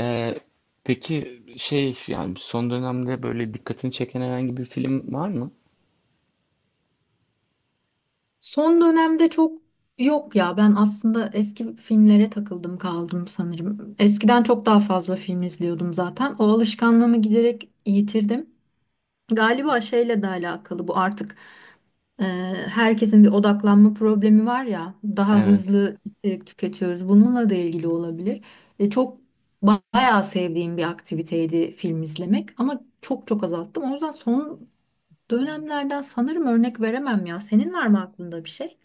Ee, peki şey yani son dönemde böyle dikkatini çeken herhangi bir film var mı? Son dönemde çok yok ya. Ben aslında eski filmlere takıldım kaldım sanırım. Eskiden çok daha fazla film izliyordum zaten. O alışkanlığımı giderek yitirdim. Galiba şeyle de alakalı bu artık. e, Herkesin bir odaklanma problemi var ya. Daha Evet. hızlı içerik tüketiyoruz. Bununla da ilgili olabilir. Çok bayağı sevdiğim bir aktiviteydi film izlemek ama çok azalttım. O yüzden son dönemlerden sanırım örnek veremem ya. Senin var mı aklında bir şey?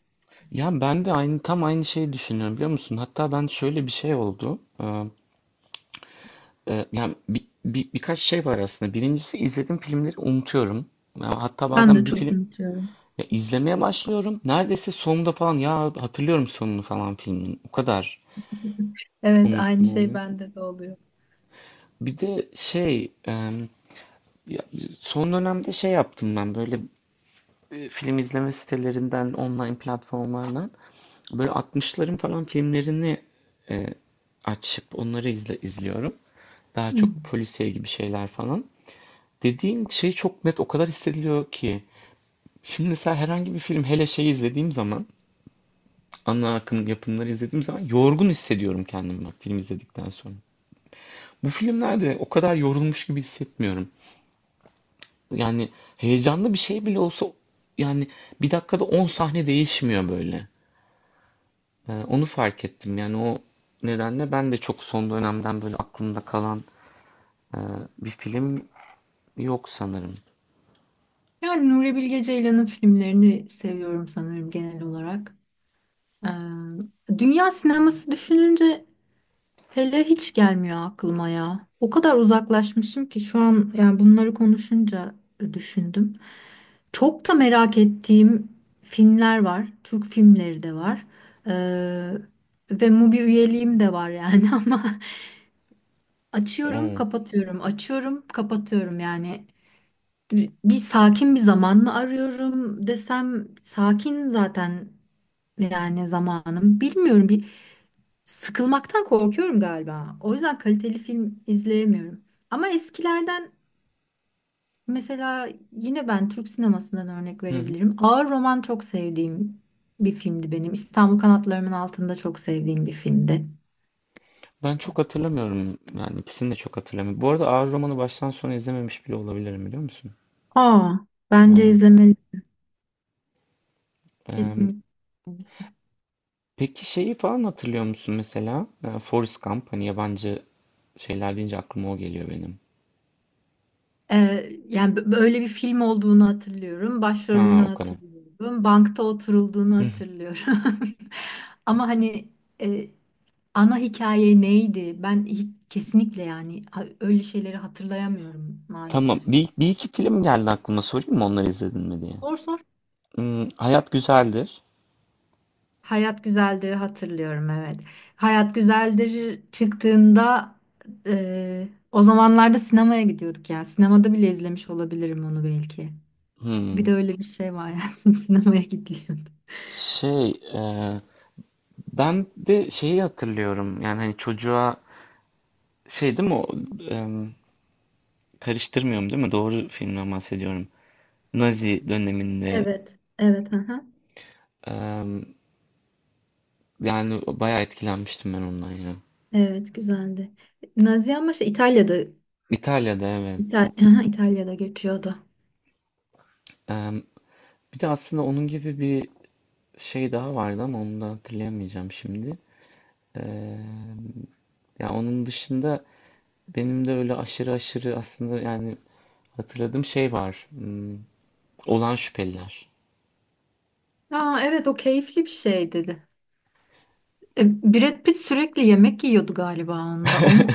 Ya ben de aynı tam aynı şeyi düşünüyorum biliyor musun? Hatta ben şöyle bir şey oldu. Yani birkaç şey var aslında. Birincisi izlediğim filmleri unutuyorum. Ya hatta Ben bazen de bir çok film unutuyorum. ya izlemeye başlıyorum. Neredeyse sonunda falan ya hatırlıyorum sonunu falan filmin. O kadar Evet, aynı unutma şey oluyor. bende de oluyor. Bir de şey ya son dönemde şey yaptım ben böyle film izleme sitelerinden, online platformlardan böyle 60'ların falan filmlerini e, açıp onları izliyorum. Daha Hı. çok polisiye gibi şeyler falan. Dediğin şey çok net o kadar hissediliyor ki. Şimdi mesela herhangi bir film hele şey izlediğim zaman, ana akım yapımları izlediğim zaman yorgun hissediyorum kendimi bak film izledikten sonra. Bu filmlerde o kadar yorulmuş gibi hissetmiyorum. Yani heyecanlı bir şey bile olsa yani bir dakikada 10 sahne değişmiyor böyle. Onu fark ettim. Yani o nedenle ben de çok son dönemden böyle aklımda kalan e, bir film yok sanırım. Yani Nuri Bilge Ceylan'ın filmlerini seviyorum sanırım genel olarak. Ee, Dünya sineması düşününce hele hiç gelmiyor aklıma ya. O kadar uzaklaşmışım ki şu an, yani bunları konuşunca düşündüm. Çok da merak ettiğim filmler var. Türk filmleri de var. Ee, Ve Mubi üyeliğim de var yani. Ama açıyorum, Oo. kapatıyorum, açıyorum, kapatıyorum yani. Bir sakin bir zaman mı arıyorum desem, sakin zaten yani zamanım. Bilmiyorum, bir sıkılmaktan korkuyorum galiba. O yüzden kaliteli film izleyemiyorum. Ama eskilerden mesela yine ben Türk sinemasından örnek Hı hı. verebilirim. Ağır Roman çok sevdiğim bir filmdi benim. İstanbul Kanatlarımın Altında çok sevdiğim bir filmdi. Ben çok hatırlamıyorum. Yani ikisini de çok hatırlamıyorum. Bu arada Ağır Roman'ı baştan sona izlememiş bile olabilirim biliyor musun? Aa, bence Evet. izlemelisin Ee, kesinlikle. peki şeyi falan hatırlıyor musun mesela? Forrest Gump. Hani yabancı şeyler deyince aklıma o geliyor benim. Yani böyle bir film olduğunu hatırlıyorum. Ha, Başrolünü o kadar. hatırlıyorum. Bankta oturulduğunu Hı hı. hatırlıyorum. Ama hani e, ana hikaye neydi? Ben hiç, kesinlikle yani öyle şeyleri hatırlayamıyorum Tamam. maalesef. Bir iki film geldi aklıma. Sorayım mı onları izledin mi diye. Sor sor. Hmm, Hayat Güzeldir. Hayat Güzeldir'i hatırlıyorum, evet. Hayat Güzeldir çıktığında, o zamanlarda sinemaya gidiyorduk yani. Sinemada bile izlemiş olabilirim onu belki. Bir Hmm. de öyle bir şey var yani, sinemaya gidiliyordu. Şey, ben de şeyi hatırlıyorum. Yani hani çocuğa şey değil mi o e, karıştırmıyorum değil mi? Doğru filmden bahsediyorum. Nazi döneminde Evet, evet, aha. e, yani bayağı etkilenmiştim ben ondan ya. Evet, güzeldi. Nazi ama şey, İtalya'da. İtalya'da, evet. Aha, İtalya'da geçiyordu. E, Bir de aslında onun gibi bir şey daha vardı ama onu da hatırlayamayacağım şimdi. E, Ya onun dışında benim de öyle aşırı aşırı aslında yani hatırladığım şey var. Hmm, Olan Şüpheliler. Aa, evet, o keyifli bir şey dedi. E, Brad Pitt sürekli yemek yiyordu galiba onda.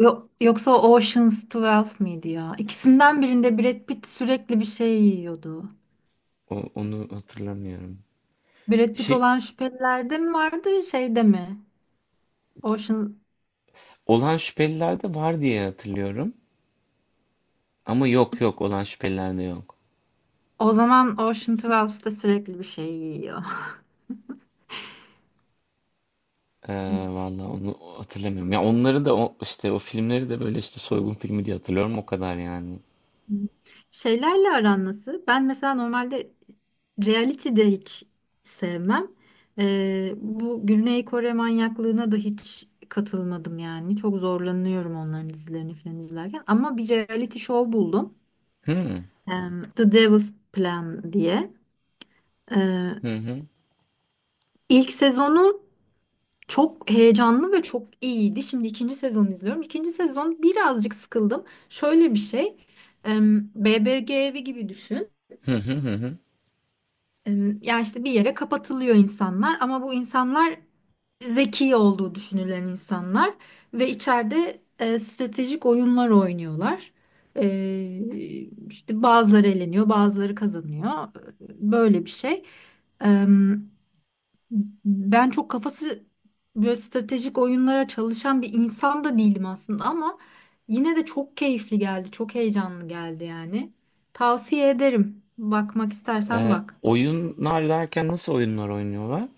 Yoksa o Ocean's 12 miydi ya? İkisinden birinde Brad Pitt sürekli bir şey yiyordu. Onu hatırlamıyorum. Brad Pitt Şey, olan şüphelilerde mi vardı, şeyde mi? Ocean, olan şüpheliler de var diye hatırlıyorum. Ama yok yok, olan şüpheliler de yok. o zaman Ocean 12'da sürekli bir şey yiyor. Ee, vallahi onu hatırlamıyorum. Ya onları da işte o filmleri de böyle işte soygun filmi diye hatırlıyorum o kadar yani. Hı. Şeylerle aran nasıl? Ben mesela normalde reality de hiç sevmem. Bu Güney Kore manyaklığına da hiç katılmadım yani. Çok zorlanıyorum onların dizilerini falan izlerken. Ama bir reality show buldum. Hı hı The Devil's Plan diye. Ee, hı ilk sezonu çok heyecanlı ve çok iyiydi. Şimdi ikinci sezonu izliyorum. İkinci sezon birazcık sıkıldım. Şöyle bir şey. BBG evi gibi düşün. hı hı hı. Hı. Ya işte bir yere kapatılıyor insanlar, ama bu insanlar zeki olduğu düşünülen insanlar ve içeride stratejik oyunlar oynuyorlar. E, işte bazıları eleniyor, bazıları kazanıyor. Böyle bir şey. Em, Ben çok kafası böyle stratejik oyunlara çalışan bir insan da değilim aslında, ama yine de çok keyifli geldi, çok heyecanlı geldi yani. Tavsiye ederim. Bakmak istersen bak. Oyunlar derken nasıl oyunlar oynuyorlar?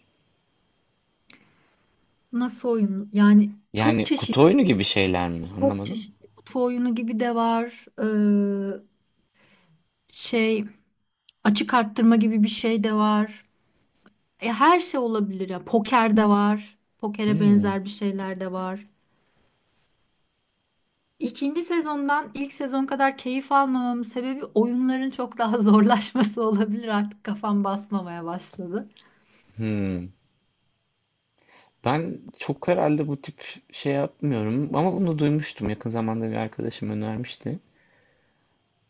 Nasıl oyun? Yani çok Yani kutu çeşitli, oyunu gibi şeyler mi? çok Anlamadım. çeşitli. Kutu oyunu gibi de var. Ee, şey, açık arttırma gibi bir şey de var. E, her şey olabilir ya. Poker de var. Pokere Hmm, benzer bir şeyler de var. İkinci sezondan ilk sezon kadar keyif almamamın sebebi oyunların çok daha zorlaşması olabilir. Artık kafam basmamaya başladı. hmm. Ben çok herhalde bu tip şey yapmıyorum ama bunu duymuştum. Yakın zamanda bir arkadaşım önermişti.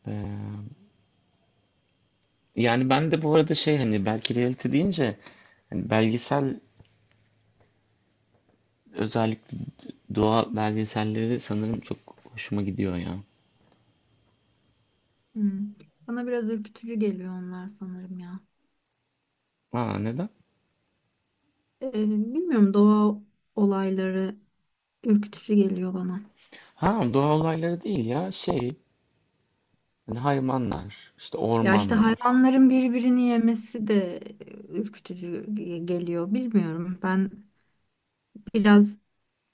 Ee, Yani ben de bu arada şey hani belki reality deyince hani belgesel özellikle doğa belgeselleri sanırım çok hoşuma gidiyor ya. Hmm. Bana biraz ürkütücü geliyor onlar sanırım ya. Ha, neden? Bilmiyorum, doğa olayları ürkütücü geliyor bana. Ha, doğa olayları değil ya şey hani hayvanlar işte Ya işte ormanlar. hayvanların birbirini yemesi de ürkütücü geliyor. Bilmiyorum. Ben biraz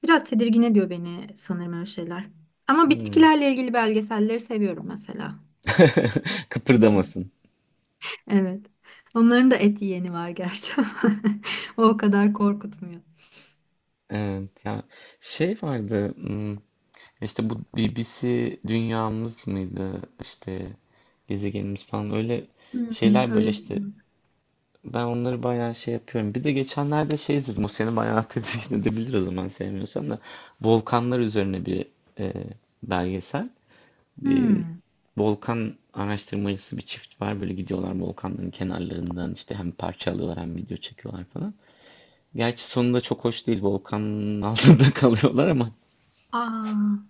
biraz tedirgin ediyor beni sanırım öyle şeyler. Ama Hmm. bitkilerle ilgili belgeselleri seviyorum mesela. Kıpırdamasın. Evet. Onların da et yiyeni var gerçi ama o kadar korkutmuyor. Evet ya, şey vardı işte bu BBC Dünyamız mıydı işte gezegenimiz falan, öyle Hmm, şeyler öyle böyle bir şey işte. var. Ben onları bayağı şey yapıyorum. Bir de geçenlerde şey izledim. O seni bayağı tedirgin edebilir o zaman, sevmiyorsan da. Volkanlar üzerine bir e, belgesel. Bir Hmm. volkan araştırmacısı bir çift var. Böyle gidiyorlar volkanların kenarlarından, işte hem parça alıyorlar hem video çekiyorlar falan. Gerçi sonunda çok hoş değil. Volkanın altında kalıyorlar ama Aa,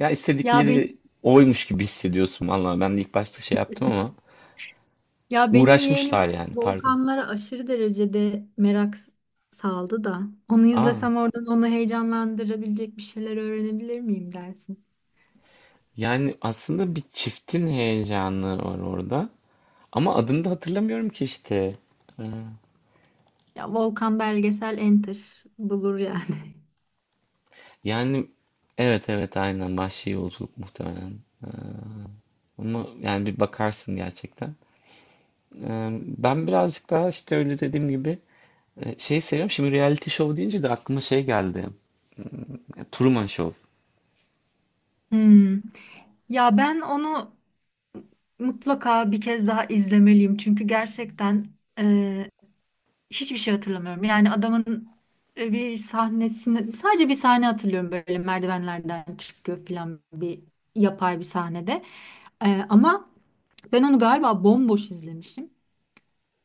ya, ya istedikleri ben. oymuş gibi hissediyorsun. Vallahi ben de ilk başta şey yaptım ama Ya benim yeğenim uğraşmışlar yani, pardon. volkanlara aşırı derecede merak saldı da. Onu Aa. izlesem oradan onu heyecanlandırabilecek bir şeyler öğrenebilir miyim dersin? Yani aslında bir çiftin heyecanı var orada. Ama adını da hatırlamıyorum ki işte. Ee, Ya volkan belgesel enter bulur yani. Yani evet, evet, aynen, vahşi yolculuk muhtemelen. Ee, Ama yani bir bakarsın gerçekten. Ben birazcık daha işte öyle dediğim gibi şey seviyorum. Şimdi reality show deyince de aklıma şey geldi. Truman Show. Hmm. Ya ben onu mutlaka bir kez daha izlemeliyim. Çünkü gerçekten hiçbir şey hatırlamıyorum. Yani adamın bir sahne hatırlıyorum, böyle merdivenlerden çıkıyor falan bir yapay bir sahnede. Ama ben onu galiba bomboş izlemişim.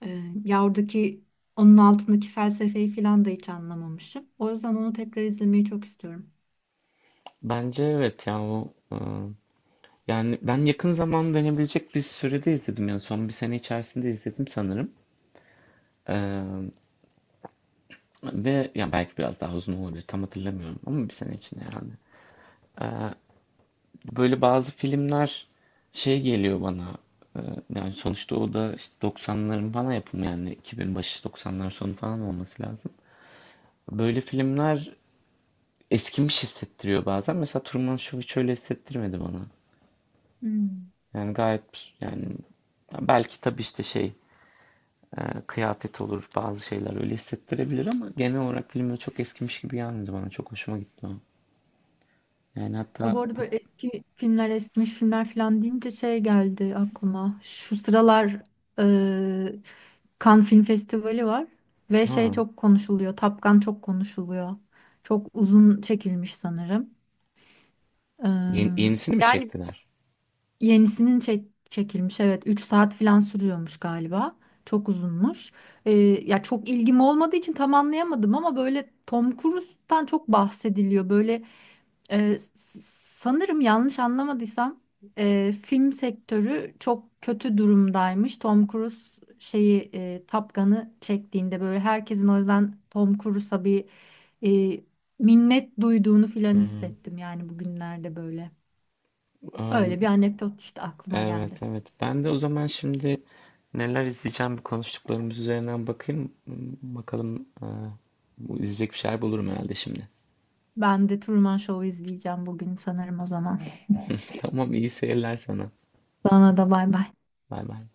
Ya oradaki, onun altındaki felsefeyi falan da hiç anlamamışım. O yüzden onu tekrar izlemeyi çok istiyorum. Bence evet ya, o yani ben yakın zaman denebilecek bir sürede izledim. Yani son bir sene içerisinde izledim sanırım. Ee, Ve ya belki biraz daha uzun olabilir, tam hatırlamıyorum ama bir sene içinde yani. Ee, Böyle bazı filmler şey geliyor bana e, yani sonuçta o da işte 90'ların falan yapımı, yani 2000 başı 90'lar sonu falan olması lazım. Böyle filmler eskimiş hissettiriyor bazen. Mesela Truman Show hiç öyle hissettirmedi bana. Hmm. Yani gayet, yani belki tabii işte şey kıyafet olur, bazı şeyler öyle hissettirebilir ama genel olarak filmler çok eskimiş gibi gelmedi bana. Çok hoşuma gitti o. Yani Ya bu hatta arada bu, böyle eski filmler, eskimiş filmler falan deyince şey geldi aklıma. Şu sıralar e, Cannes Film Festivali var ve şey ha. çok konuşuluyor. Top Gun çok konuşuluyor. Çok uzun çekilmiş sanırım. E, Yenisini mi Yani çektiler? yenisinin çek, çekilmiş, evet, 3 saat falan sürüyormuş galiba. Çok uzunmuş. E, Ya çok ilgim olmadığı için tam anlayamadım, ama böyle Tom Cruise'tan çok bahsediliyor. Böyle ee, s- sanırım yanlış anlamadıysam film sektörü çok kötü durumdaymış. Tom Cruise Top Gun'ı çektiğinde böyle herkesin o yüzden Tom Cruise'a bir e, minnet duyduğunu filan Hmm. hissettim yani bugünlerde böyle. Am, Öyle bir anekdot işte aklıma geldi. evet evet. Ben de o zaman şimdi neler izleyeceğim bir, konuştuklarımız üzerinden bakayım. Hmm, bakalım bu, izleyecek bir şeyler bulurum herhalde şimdi. Ben de Truman Show'u izleyeceğim bugün sanırım o zaman. Tamam, iyi seyirler sana. Sana da bay bay. Bay bay.